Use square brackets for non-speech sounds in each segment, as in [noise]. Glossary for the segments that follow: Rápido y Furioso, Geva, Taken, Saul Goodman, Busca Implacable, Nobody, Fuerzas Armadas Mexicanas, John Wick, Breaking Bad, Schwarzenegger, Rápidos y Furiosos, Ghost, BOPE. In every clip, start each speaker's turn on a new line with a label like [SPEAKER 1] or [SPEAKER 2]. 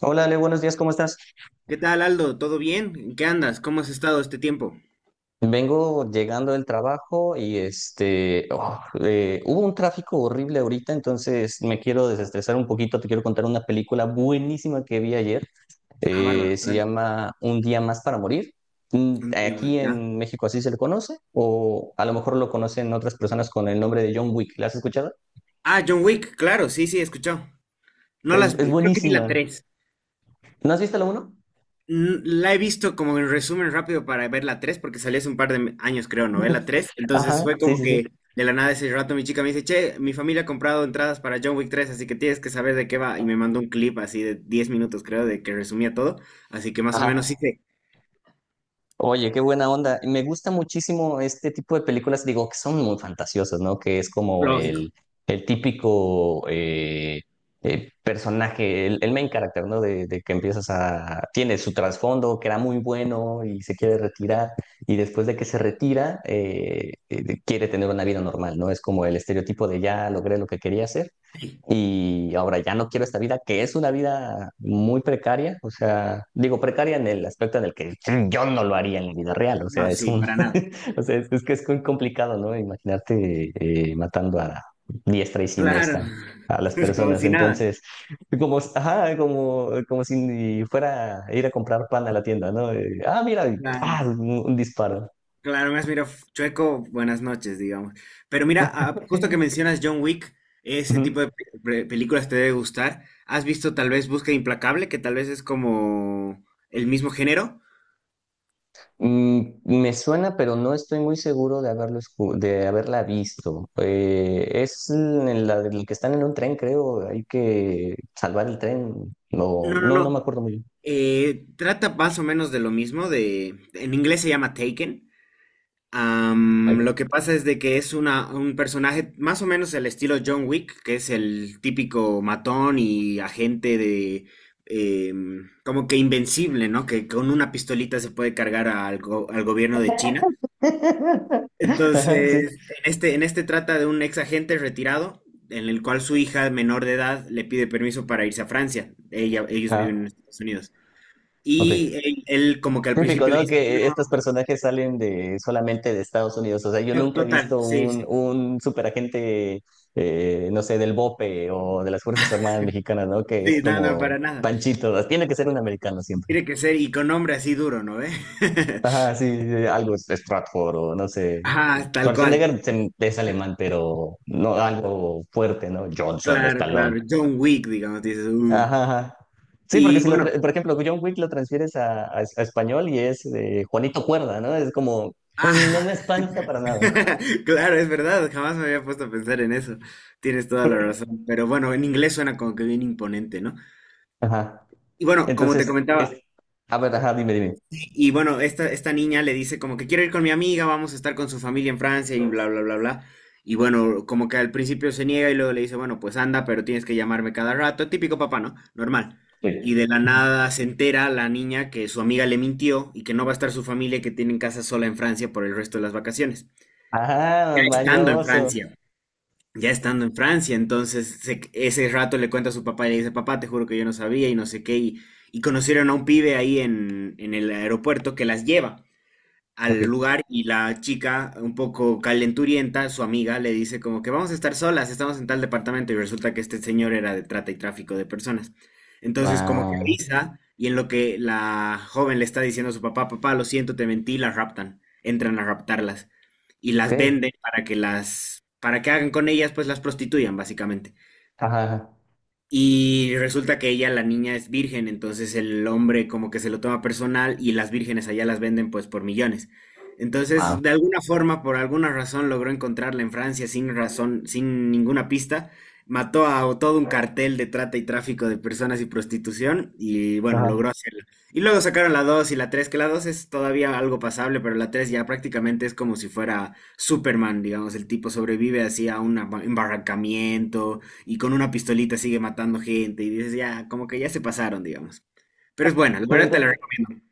[SPEAKER 1] Hola Ale, buenos días, ¿cómo estás?
[SPEAKER 2] ¿Qué tal, Aldo? ¿Todo bien? ¿En qué andas? ¿Cómo has estado este tiempo?
[SPEAKER 1] Vengo llegando del trabajo y hubo un tráfico horrible ahorita. Entonces me quiero desestresar un poquito, te quiero contar una película buenísima que vi ayer.
[SPEAKER 2] Ah, bárbaro,
[SPEAKER 1] Se
[SPEAKER 2] claro.
[SPEAKER 1] llama Un día más para morir. Mm.
[SPEAKER 2] No te llamo,
[SPEAKER 1] Aquí
[SPEAKER 2] ya.
[SPEAKER 1] en México así se le conoce, o a lo mejor lo conocen otras personas con el nombre de John Wick, ¿la has escuchado?
[SPEAKER 2] Ah, John Wick, claro, sí, sí, he escuchado. No
[SPEAKER 1] Es,
[SPEAKER 2] las
[SPEAKER 1] es
[SPEAKER 2] vi, creo que vi la
[SPEAKER 1] buenísima.
[SPEAKER 2] 3.
[SPEAKER 1] ¿No has visto la uno?
[SPEAKER 2] La he visto como en resumen rápido para ver la 3, porque salió hace un par de años, creo, ¿no? Ve la
[SPEAKER 1] [laughs]
[SPEAKER 2] 3. Entonces
[SPEAKER 1] Ajá,
[SPEAKER 2] fue
[SPEAKER 1] sí,
[SPEAKER 2] como
[SPEAKER 1] sí, sí.
[SPEAKER 2] que de la nada ese rato mi chica me dice, che, mi familia ha comprado entradas para John Wick tres, así que tienes que saber de qué va. Y me mandó un clip así de 10 minutos, creo, de que resumía todo. Así que más o menos
[SPEAKER 1] Ajá.
[SPEAKER 2] sí, sé.
[SPEAKER 1] Oye, qué buena onda. Me gusta muchísimo este tipo de películas, digo, que son muy fantasiosas, ¿no? Que es como
[SPEAKER 2] Lógico.
[SPEAKER 1] el, el típico personaje, el main character, ¿no? De que empiezas a... Tiene su trasfondo, que era muy bueno y se quiere retirar, y después de que se retira, quiere tener una vida normal, ¿no? Es como el estereotipo de ya logré lo que quería hacer y ahora ya no quiero esta vida, que es una vida muy precaria. O sea, digo precaria en el aspecto en el que yo no lo haría en la vida real. O
[SPEAKER 2] No,
[SPEAKER 1] sea, es
[SPEAKER 2] sí,
[SPEAKER 1] un,
[SPEAKER 2] para nada.
[SPEAKER 1] [laughs] o sea, es que es muy complicado, ¿no? Imaginarte matando a diestra y
[SPEAKER 2] Claro,
[SPEAKER 1] siniestra a las
[SPEAKER 2] [laughs] como
[SPEAKER 1] personas.
[SPEAKER 2] si nada.
[SPEAKER 1] Entonces, como, ajá, como, como si fuera a ir a comprar pan a la tienda, ¿no? Mira, ah,
[SPEAKER 2] Claro,
[SPEAKER 1] un disparo.
[SPEAKER 2] claro, más mira, chueco, buenas noches, digamos. Pero mira, ah, justo que
[SPEAKER 1] [laughs]
[SPEAKER 2] mencionas John Wick, ese tipo
[SPEAKER 1] Ujú.
[SPEAKER 2] de películas te debe gustar. ¿Has visto tal vez Busca Implacable, que tal vez es como el mismo género?
[SPEAKER 1] Mm, me suena, pero no estoy muy seguro de haberlo, de haberla visto. Es en la del que están en un tren, creo. Hay que salvar el tren. No,
[SPEAKER 2] No, no,
[SPEAKER 1] no, no me
[SPEAKER 2] no.
[SPEAKER 1] acuerdo muy bien.
[SPEAKER 2] Trata más o menos de lo mismo, de, en inglés se llama Taken.
[SPEAKER 1] Ay.
[SPEAKER 2] Lo que pasa es de que es una, un personaje más o menos el estilo John Wick, que es el típico matón y agente de... Como que invencible, ¿no? Que con una pistolita se puede cargar al gobierno de China.
[SPEAKER 1] [laughs] Ajá, sí.
[SPEAKER 2] Entonces, en este trata de un ex agente retirado, en el cual su hija menor de edad le pide permiso para irse a Francia. Ella, ellos
[SPEAKER 1] Ah,
[SPEAKER 2] viven en Estados Unidos.
[SPEAKER 1] ok.
[SPEAKER 2] Y él como que al
[SPEAKER 1] Típico,
[SPEAKER 2] principio le
[SPEAKER 1] ¿no?
[SPEAKER 2] dice,
[SPEAKER 1] Que estos
[SPEAKER 2] no,
[SPEAKER 1] personajes salen de solamente de Estados Unidos. O sea, yo
[SPEAKER 2] no,
[SPEAKER 1] nunca he
[SPEAKER 2] total,
[SPEAKER 1] visto
[SPEAKER 2] sí, sí.
[SPEAKER 1] un superagente, no sé, del BOPE o de las Fuerzas Armadas Mexicanas, ¿no? Que es
[SPEAKER 2] Sí, no, no,
[SPEAKER 1] como
[SPEAKER 2] para nada.
[SPEAKER 1] Panchito. Tiene que ser un americano siempre.
[SPEAKER 2] Tiene que ser y con nombre así duro, ¿no ve? [laughs]
[SPEAKER 1] Ajá, sí, sí, sí, algo Stratford o no sé.
[SPEAKER 2] Ah, tal cual.
[SPEAKER 1] Schwarzenegger es alemán, pero no algo fuerte, ¿no? Johnson,
[SPEAKER 2] Claro,
[SPEAKER 1] Stallone.
[SPEAKER 2] claro. John Wick, digamos, dices.
[SPEAKER 1] Ajá, ajá. Sí, porque
[SPEAKER 2] Y
[SPEAKER 1] si lo,
[SPEAKER 2] bueno,
[SPEAKER 1] por ejemplo, John Wick lo transfieres a, a español y es Juanito Cuerda, ¿no? Es como,
[SPEAKER 2] ah,
[SPEAKER 1] "Mm, no me espanta para nada".
[SPEAKER 2] [laughs] claro, es verdad. Jamás me había puesto a pensar en eso. Tienes toda la razón. Pero bueno, en inglés suena como que bien imponente, ¿no?
[SPEAKER 1] Ajá.
[SPEAKER 2] Y bueno, como te
[SPEAKER 1] Entonces,
[SPEAKER 2] comentaba,
[SPEAKER 1] es, a ver, ajá, dime, dime.
[SPEAKER 2] y bueno, esta niña le dice como que quiero ir con mi amiga, vamos a estar con su familia en Francia y bla, bla, bla, bla. Y bueno, como que al principio se niega y luego le dice, bueno, pues anda, pero tienes que llamarme cada rato. Típico papá, ¿no? Normal. Y
[SPEAKER 1] Sí.
[SPEAKER 2] de la
[SPEAKER 1] Ujú.
[SPEAKER 2] nada se entera la niña que su amiga le mintió y que no va a estar su familia y que tienen casa sola en Francia por el resto de las vacaciones.
[SPEAKER 1] Ajá,
[SPEAKER 2] Estando en
[SPEAKER 1] mañoso.
[SPEAKER 2] Francia, ya estando en Francia, entonces ese rato le cuenta a su papá y le dice, papá, te juro que yo no sabía y no sé qué. Y conocieron a un pibe ahí en el aeropuerto que las lleva
[SPEAKER 1] Ok.
[SPEAKER 2] al lugar y la chica, un poco calenturienta, su amiga, le dice como que vamos a estar solas, estamos en tal departamento y resulta que este señor era de trata y tráfico de personas. Entonces como que
[SPEAKER 1] Ah,
[SPEAKER 2] avisa y en lo que la joven le está diciendo a su papá, papá, lo siento, te mentí, las raptan, entran a raptarlas y
[SPEAKER 1] ok.
[SPEAKER 2] las venden para que las, para que hagan con ellas, pues las prostituyan básicamente.
[SPEAKER 1] Ajá, ajá.
[SPEAKER 2] Y resulta que ella, la niña, es virgen, entonces el hombre como que se lo toma personal y las vírgenes allá las venden pues por millones. Entonces,
[SPEAKER 1] Wow.
[SPEAKER 2] de alguna forma, por alguna razón, logró encontrarla en Francia sin razón, sin ninguna pista. Mató a todo un cartel de trata y tráfico de personas y prostitución y bueno,
[SPEAKER 1] Ajá.
[SPEAKER 2] logró hacerla. Y luego sacaron la 2 y la 3 que la 2 es todavía algo pasable, pero la 3 ya prácticamente es como si fuera Superman, digamos, el tipo sobrevive así a un embarrancamiento y con una pistolita sigue matando gente y dices, ya, como que ya se pasaron, digamos. Pero es buena, la
[SPEAKER 1] Pero
[SPEAKER 2] verdad te la
[SPEAKER 1] entonces,
[SPEAKER 2] recomiendo.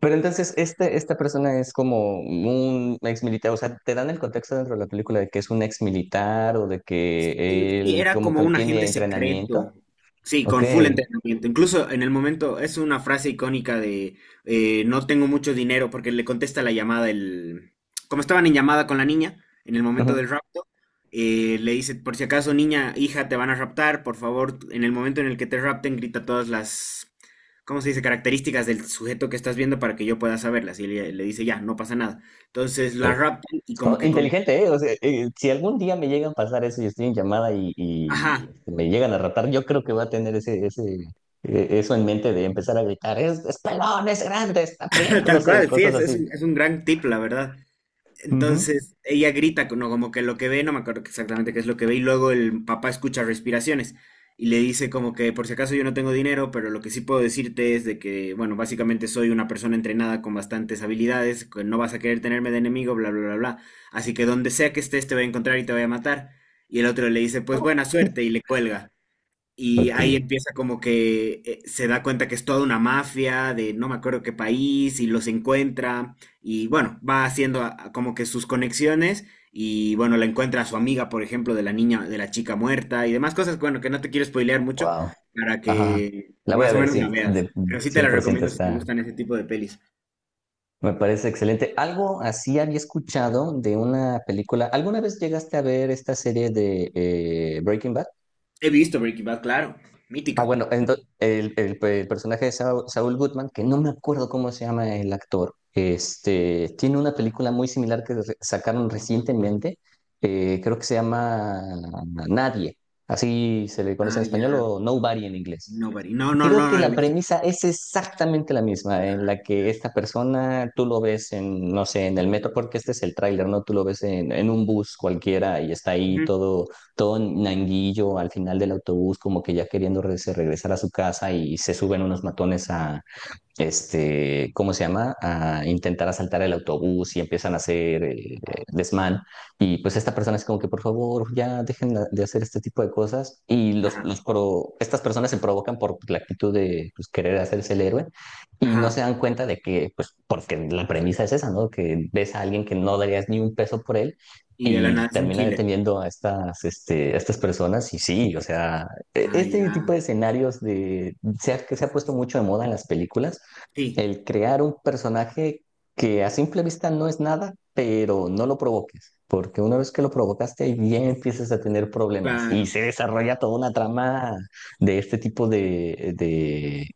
[SPEAKER 1] Pero entonces, esta persona es como un ex militar. O sea, te dan el contexto dentro de la película de que es un ex militar o de que
[SPEAKER 2] Sí,
[SPEAKER 1] él
[SPEAKER 2] era
[SPEAKER 1] como
[SPEAKER 2] como
[SPEAKER 1] que
[SPEAKER 2] un
[SPEAKER 1] tiene
[SPEAKER 2] agente
[SPEAKER 1] entrenamiento.
[SPEAKER 2] secreto. Sí,
[SPEAKER 1] Ok.
[SPEAKER 2] con full entrenamiento. Incluso en el momento es una frase icónica de no tengo mucho dinero porque le contesta la llamada el... Como estaban en llamada con la niña en el momento del
[SPEAKER 1] Ujú,
[SPEAKER 2] rapto, le dice, por si acaso niña, hija, te van a raptar, por favor, en el momento en el que te rapten, grita todas las, ¿cómo se dice? Características del sujeto que estás viendo para que yo pueda saberlas. Y le dice, ya, no pasa nada. Entonces
[SPEAKER 1] ok.
[SPEAKER 2] la raptan y como
[SPEAKER 1] Oh,
[SPEAKER 2] que con...
[SPEAKER 1] inteligente, ¿eh? O sea, si algún día me llegan a pasar eso y estoy en llamada y,
[SPEAKER 2] Ajá,
[SPEAKER 1] me llegan a ratar, yo creo que voy a tener eso en mente de empezar a gritar, es pelón, es grande, está
[SPEAKER 2] [laughs]
[SPEAKER 1] prieto, no
[SPEAKER 2] tal
[SPEAKER 1] sé,
[SPEAKER 2] cual, sí,
[SPEAKER 1] cosas así.
[SPEAKER 2] es un gran tip, la verdad.
[SPEAKER 1] Ujú.
[SPEAKER 2] Entonces, ella grita, no, como que lo que ve, no me acuerdo exactamente qué es lo que ve, y luego el papá escucha respiraciones y le dice como que por si acaso yo no tengo dinero, pero lo que sí puedo decirte es de que, bueno, básicamente soy una persona entrenada con bastantes habilidades, que no vas a querer tenerme de enemigo, bla, bla, bla, bla. Así que donde sea que estés te voy a encontrar y te voy a matar. Y el otro le dice, pues buena suerte, y le cuelga. Y
[SPEAKER 1] Ok.
[SPEAKER 2] ahí empieza como que se da cuenta que es toda una mafia de no me acuerdo qué país y los encuentra y bueno, va haciendo a como que sus conexiones y bueno, la encuentra a su amiga, por ejemplo, de la niña, de la chica muerta y demás cosas, bueno, que no te quiero spoilear mucho
[SPEAKER 1] Wow.
[SPEAKER 2] para
[SPEAKER 1] Ajá.
[SPEAKER 2] que
[SPEAKER 1] La voy a
[SPEAKER 2] más o
[SPEAKER 1] ver,
[SPEAKER 2] menos la
[SPEAKER 1] sí,
[SPEAKER 2] veas.
[SPEAKER 1] de
[SPEAKER 2] Pero sí te
[SPEAKER 1] cien
[SPEAKER 2] la
[SPEAKER 1] por ciento
[SPEAKER 2] recomiendo si te
[SPEAKER 1] está.
[SPEAKER 2] gustan ese tipo de pelis.
[SPEAKER 1] Me parece excelente. Algo así había escuchado de una película. ¿Alguna vez llegaste a ver esta serie de Breaking Bad?
[SPEAKER 2] He visto Breaking Bad, claro,
[SPEAKER 1] Ah,
[SPEAKER 2] mítica.
[SPEAKER 1] bueno, el personaje de Saul, Saul Goodman, que no me acuerdo cómo se llama el actor, este, tiene una película muy similar que sacaron recientemente. Creo que se llama Nadie. Así se le conoce en
[SPEAKER 2] Ah, ya,
[SPEAKER 1] español, o Nobody en inglés.
[SPEAKER 2] Nobody. No, no,
[SPEAKER 1] Creo
[SPEAKER 2] no,
[SPEAKER 1] que
[SPEAKER 2] no la he
[SPEAKER 1] la
[SPEAKER 2] visto.
[SPEAKER 1] premisa es exactamente la misma, en la que esta persona, tú lo ves en, no sé, en el metro, porque este es el tráiler, ¿no? Tú lo ves en un bus cualquiera y está ahí
[SPEAKER 2] Ujú.
[SPEAKER 1] todo, todo nanguillo al final del autobús, como que ya queriendo se regresar a su casa, y se suben unos matones a, este, ¿cómo se llama? A intentar asaltar el autobús y empiezan a hacer desmán. Y pues esta persona es como que, por favor, ya dejen de hacer este tipo de cosas. Y los,
[SPEAKER 2] Ajá,
[SPEAKER 1] estas personas se provocan por la actitud de, pues, querer hacerse el héroe, y no
[SPEAKER 2] ajá.
[SPEAKER 1] se dan cuenta de que, pues, porque la premisa es esa, ¿no? Que ves a alguien que no darías ni un peso por él
[SPEAKER 2] Y de la
[SPEAKER 1] y
[SPEAKER 2] nada es un
[SPEAKER 1] termina
[SPEAKER 2] killer.
[SPEAKER 1] deteniendo a estas, este, a estas personas. Y sí, o sea,
[SPEAKER 2] Ah,
[SPEAKER 1] este tipo
[SPEAKER 2] ya.
[SPEAKER 1] de escenarios de, que se ha puesto mucho de moda en las películas
[SPEAKER 2] Sí.
[SPEAKER 1] el crear un personaje que a simple vista no es nada, pero no lo provoques, porque una vez que lo provocaste, ahí bien empiezas a tener problemas, y
[SPEAKER 2] Claro.
[SPEAKER 1] se desarrolla toda una trama de este tipo de, de,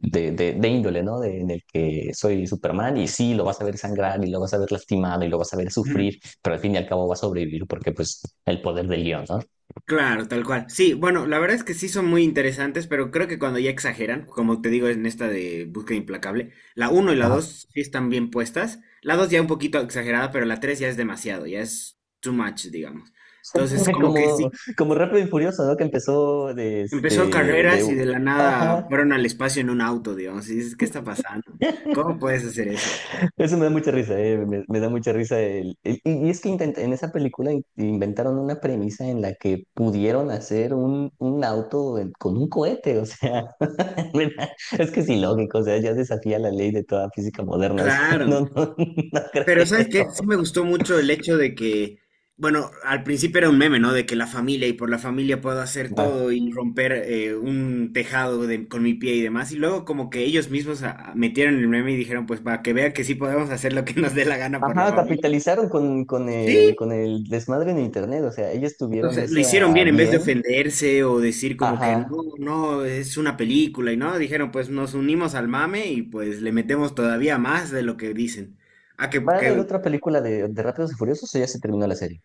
[SPEAKER 1] de, de- de índole, ¿no? De- en el que soy Superman, y sí, lo vas a ver sangrar y lo vas a ver lastimado y lo vas a ver sufrir,
[SPEAKER 2] Ujú.
[SPEAKER 1] pero al fin y al cabo va a sobrevivir porque pues el poder del guión, ¿no?
[SPEAKER 2] Claro, tal cual. Sí, bueno, la verdad es que sí son muy interesantes, pero creo que cuando ya exageran, como te digo en esta de Búsqueda Implacable, la uno y la
[SPEAKER 1] Ajá.
[SPEAKER 2] 2 sí están bien puestas. La 2 ya un poquito exagerada, pero la 3 ya es demasiado, ya es too much, digamos. Entonces,
[SPEAKER 1] [laughs]
[SPEAKER 2] como que
[SPEAKER 1] Como,
[SPEAKER 2] sí,
[SPEAKER 1] como Rápido y Furioso, ¿no? Que empezó de este,
[SPEAKER 2] empezó carreras
[SPEAKER 1] de...
[SPEAKER 2] y de la nada
[SPEAKER 1] Ajá.
[SPEAKER 2] fueron al espacio en un auto, digamos, y dices, ¿qué está pasando? ¿Cómo puedes hacer eso?
[SPEAKER 1] Eso me da mucha risa, me da mucha risa. Y, y es que intenta, en esa película inventaron una premisa en la que pudieron hacer un auto con un cohete. O sea, [laughs] mira, es que es ilógico. O sea, ya desafía la ley de toda física moderna. O sea, [laughs] no,
[SPEAKER 2] Claro.
[SPEAKER 1] no, no
[SPEAKER 2] Pero ¿sabes qué?
[SPEAKER 1] creo.
[SPEAKER 2] Sí me gustó mucho el hecho de que, bueno, al principio era un meme, ¿no? De que la familia y por la familia puedo hacer
[SPEAKER 1] Ma-
[SPEAKER 2] todo y romper un tejado con mi pie y demás. Y luego como que ellos mismos metieron el meme y dijeron, pues para que vea que sí podemos hacer lo que nos dé la gana por la
[SPEAKER 1] Ajá,
[SPEAKER 2] familia.
[SPEAKER 1] capitalizaron
[SPEAKER 2] Sí,
[SPEAKER 1] con el desmadre en internet. O sea, ellos
[SPEAKER 2] o
[SPEAKER 1] tuvieron
[SPEAKER 2] sea, lo no
[SPEAKER 1] ese
[SPEAKER 2] hicieron
[SPEAKER 1] a
[SPEAKER 2] bien en vez de
[SPEAKER 1] bien.
[SPEAKER 2] ofenderse o decir como que no,
[SPEAKER 1] Ajá.
[SPEAKER 2] no, es una película y no, dijeron, pues nos unimos al mame y pues le metemos todavía más de lo que dicen. Ah,
[SPEAKER 1] ¿Va a haber
[SPEAKER 2] que
[SPEAKER 1] otra película de Rápidos y Furiosos, o ya se terminó la serie?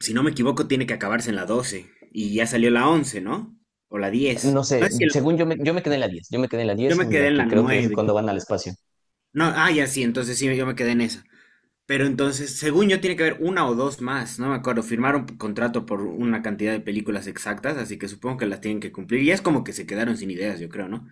[SPEAKER 2] si no me equivoco, tiene que acabarse en la 12. Y ya salió la 11, ¿no? O la
[SPEAKER 1] No
[SPEAKER 2] 10. No
[SPEAKER 1] sé,
[SPEAKER 2] es que
[SPEAKER 1] según yo me quedé en la diez, yo me quedé en la
[SPEAKER 2] yo
[SPEAKER 1] diez,
[SPEAKER 2] me
[SPEAKER 1] en la
[SPEAKER 2] quedé en
[SPEAKER 1] que
[SPEAKER 2] la
[SPEAKER 1] creo que es cuando
[SPEAKER 2] 9.
[SPEAKER 1] van al espacio.
[SPEAKER 2] No, ah, ya sí, entonces sí, yo me quedé en esa. Pero entonces, según yo, tiene que haber una o dos más, no me acuerdo. Firmaron contrato por una cantidad de películas exactas, así que supongo que las tienen que cumplir. Y es como que se quedaron sin ideas, yo creo, ¿no?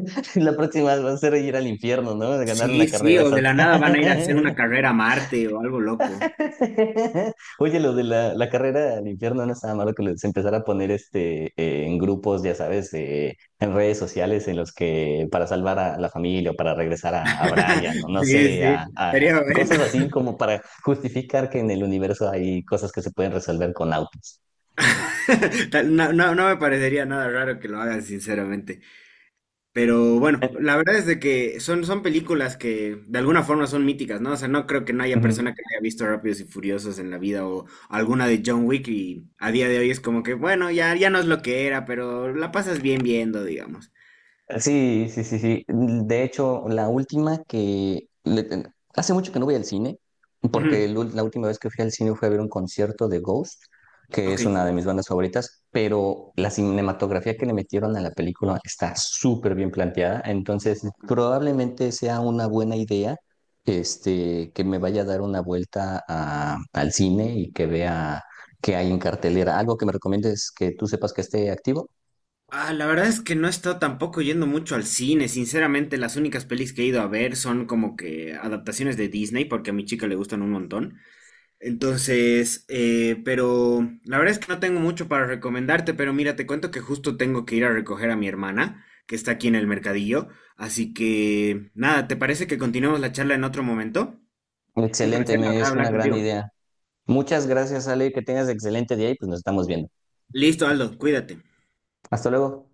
[SPEAKER 1] [laughs] La próxima va a ser ir al infierno, ¿no? De ganar una
[SPEAKER 2] Sí, sí,
[SPEAKER 1] carrera
[SPEAKER 2] o de la
[SPEAKER 1] santa.
[SPEAKER 2] nada van a ir a hacer una carrera a Marte o algo loco.
[SPEAKER 1] [laughs] Oye, lo de la, la carrera al infierno no estaba malo que les empezara a poner este, en grupos, ya sabes, de- en redes sociales, en los que para salvar a la familia o para regresar a Brian o
[SPEAKER 2] [laughs]
[SPEAKER 1] no
[SPEAKER 2] Sí,
[SPEAKER 1] sé,
[SPEAKER 2] sí,
[SPEAKER 1] a
[SPEAKER 2] sería bueno.
[SPEAKER 1] cosas así, como para justificar que en el universo hay cosas que se pueden resolver con autos.
[SPEAKER 2] [laughs] Tal- no, no, no me parecería nada raro que lo hagan, sinceramente. Pero bueno, la
[SPEAKER 1] [laughs]
[SPEAKER 2] verdad es de que son, son películas que de alguna forma son míticas, ¿no? O sea, no creo que no haya
[SPEAKER 1] Ujú.
[SPEAKER 2] persona que no haya visto Rápidos y Furiosos en la vida o alguna de John Wick y a día de hoy es como que, bueno, ya, ya no es lo que era, pero la pasas bien viendo, digamos.
[SPEAKER 1] Sí, sí, sí, sí. De hecho, la última que... Hace mucho que no voy al cine,
[SPEAKER 2] Ujú.
[SPEAKER 1] porque la última vez que fui al cine fue a ver un concierto de Ghost, que
[SPEAKER 2] Ok.
[SPEAKER 1] es una de mis bandas favoritas, pero la cinematografía que le metieron a la película está súper bien planteada. Entonces probablemente sea una buena idea este, que me vaya a dar una vuelta al cine y que vea qué hay en cartelera. ¿Algo que me recomiendes que tú sepas que esté activo?
[SPEAKER 2] Ah, la verdad es que no he estado tampoco yendo mucho al cine. Sinceramente, las únicas pelis que he ido a ver son como que adaptaciones de Disney, porque a mi chica le gustan un montón. Entonces, pero la verdad es que no tengo mucho para recomendarte, pero mira, te cuento que justo tengo que ir a recoger a mi hermana, que está aquí en el mercadillo. Así que, nada, ¿te parece que continuemos la charla en otro momento? Un
[SPEAKER 1] Excelente,
[SPEAKER 2] placer, la
[SPEAKER 1] me
[SPEAKER 2] verdad,
[SPEAKER 1] es
[SPEAKER 2] hablar
[SPEAKER 1] una gran
[SPEAKER 2] contigo.
[SPEAKER 1] idea. Muchas gracias, Ale, que tengas excelente día y pues nos estamos viendo.
[SPEAKER 2] Listo, Aldo, cuídate.
[SPEAKER 1] Hasta luego.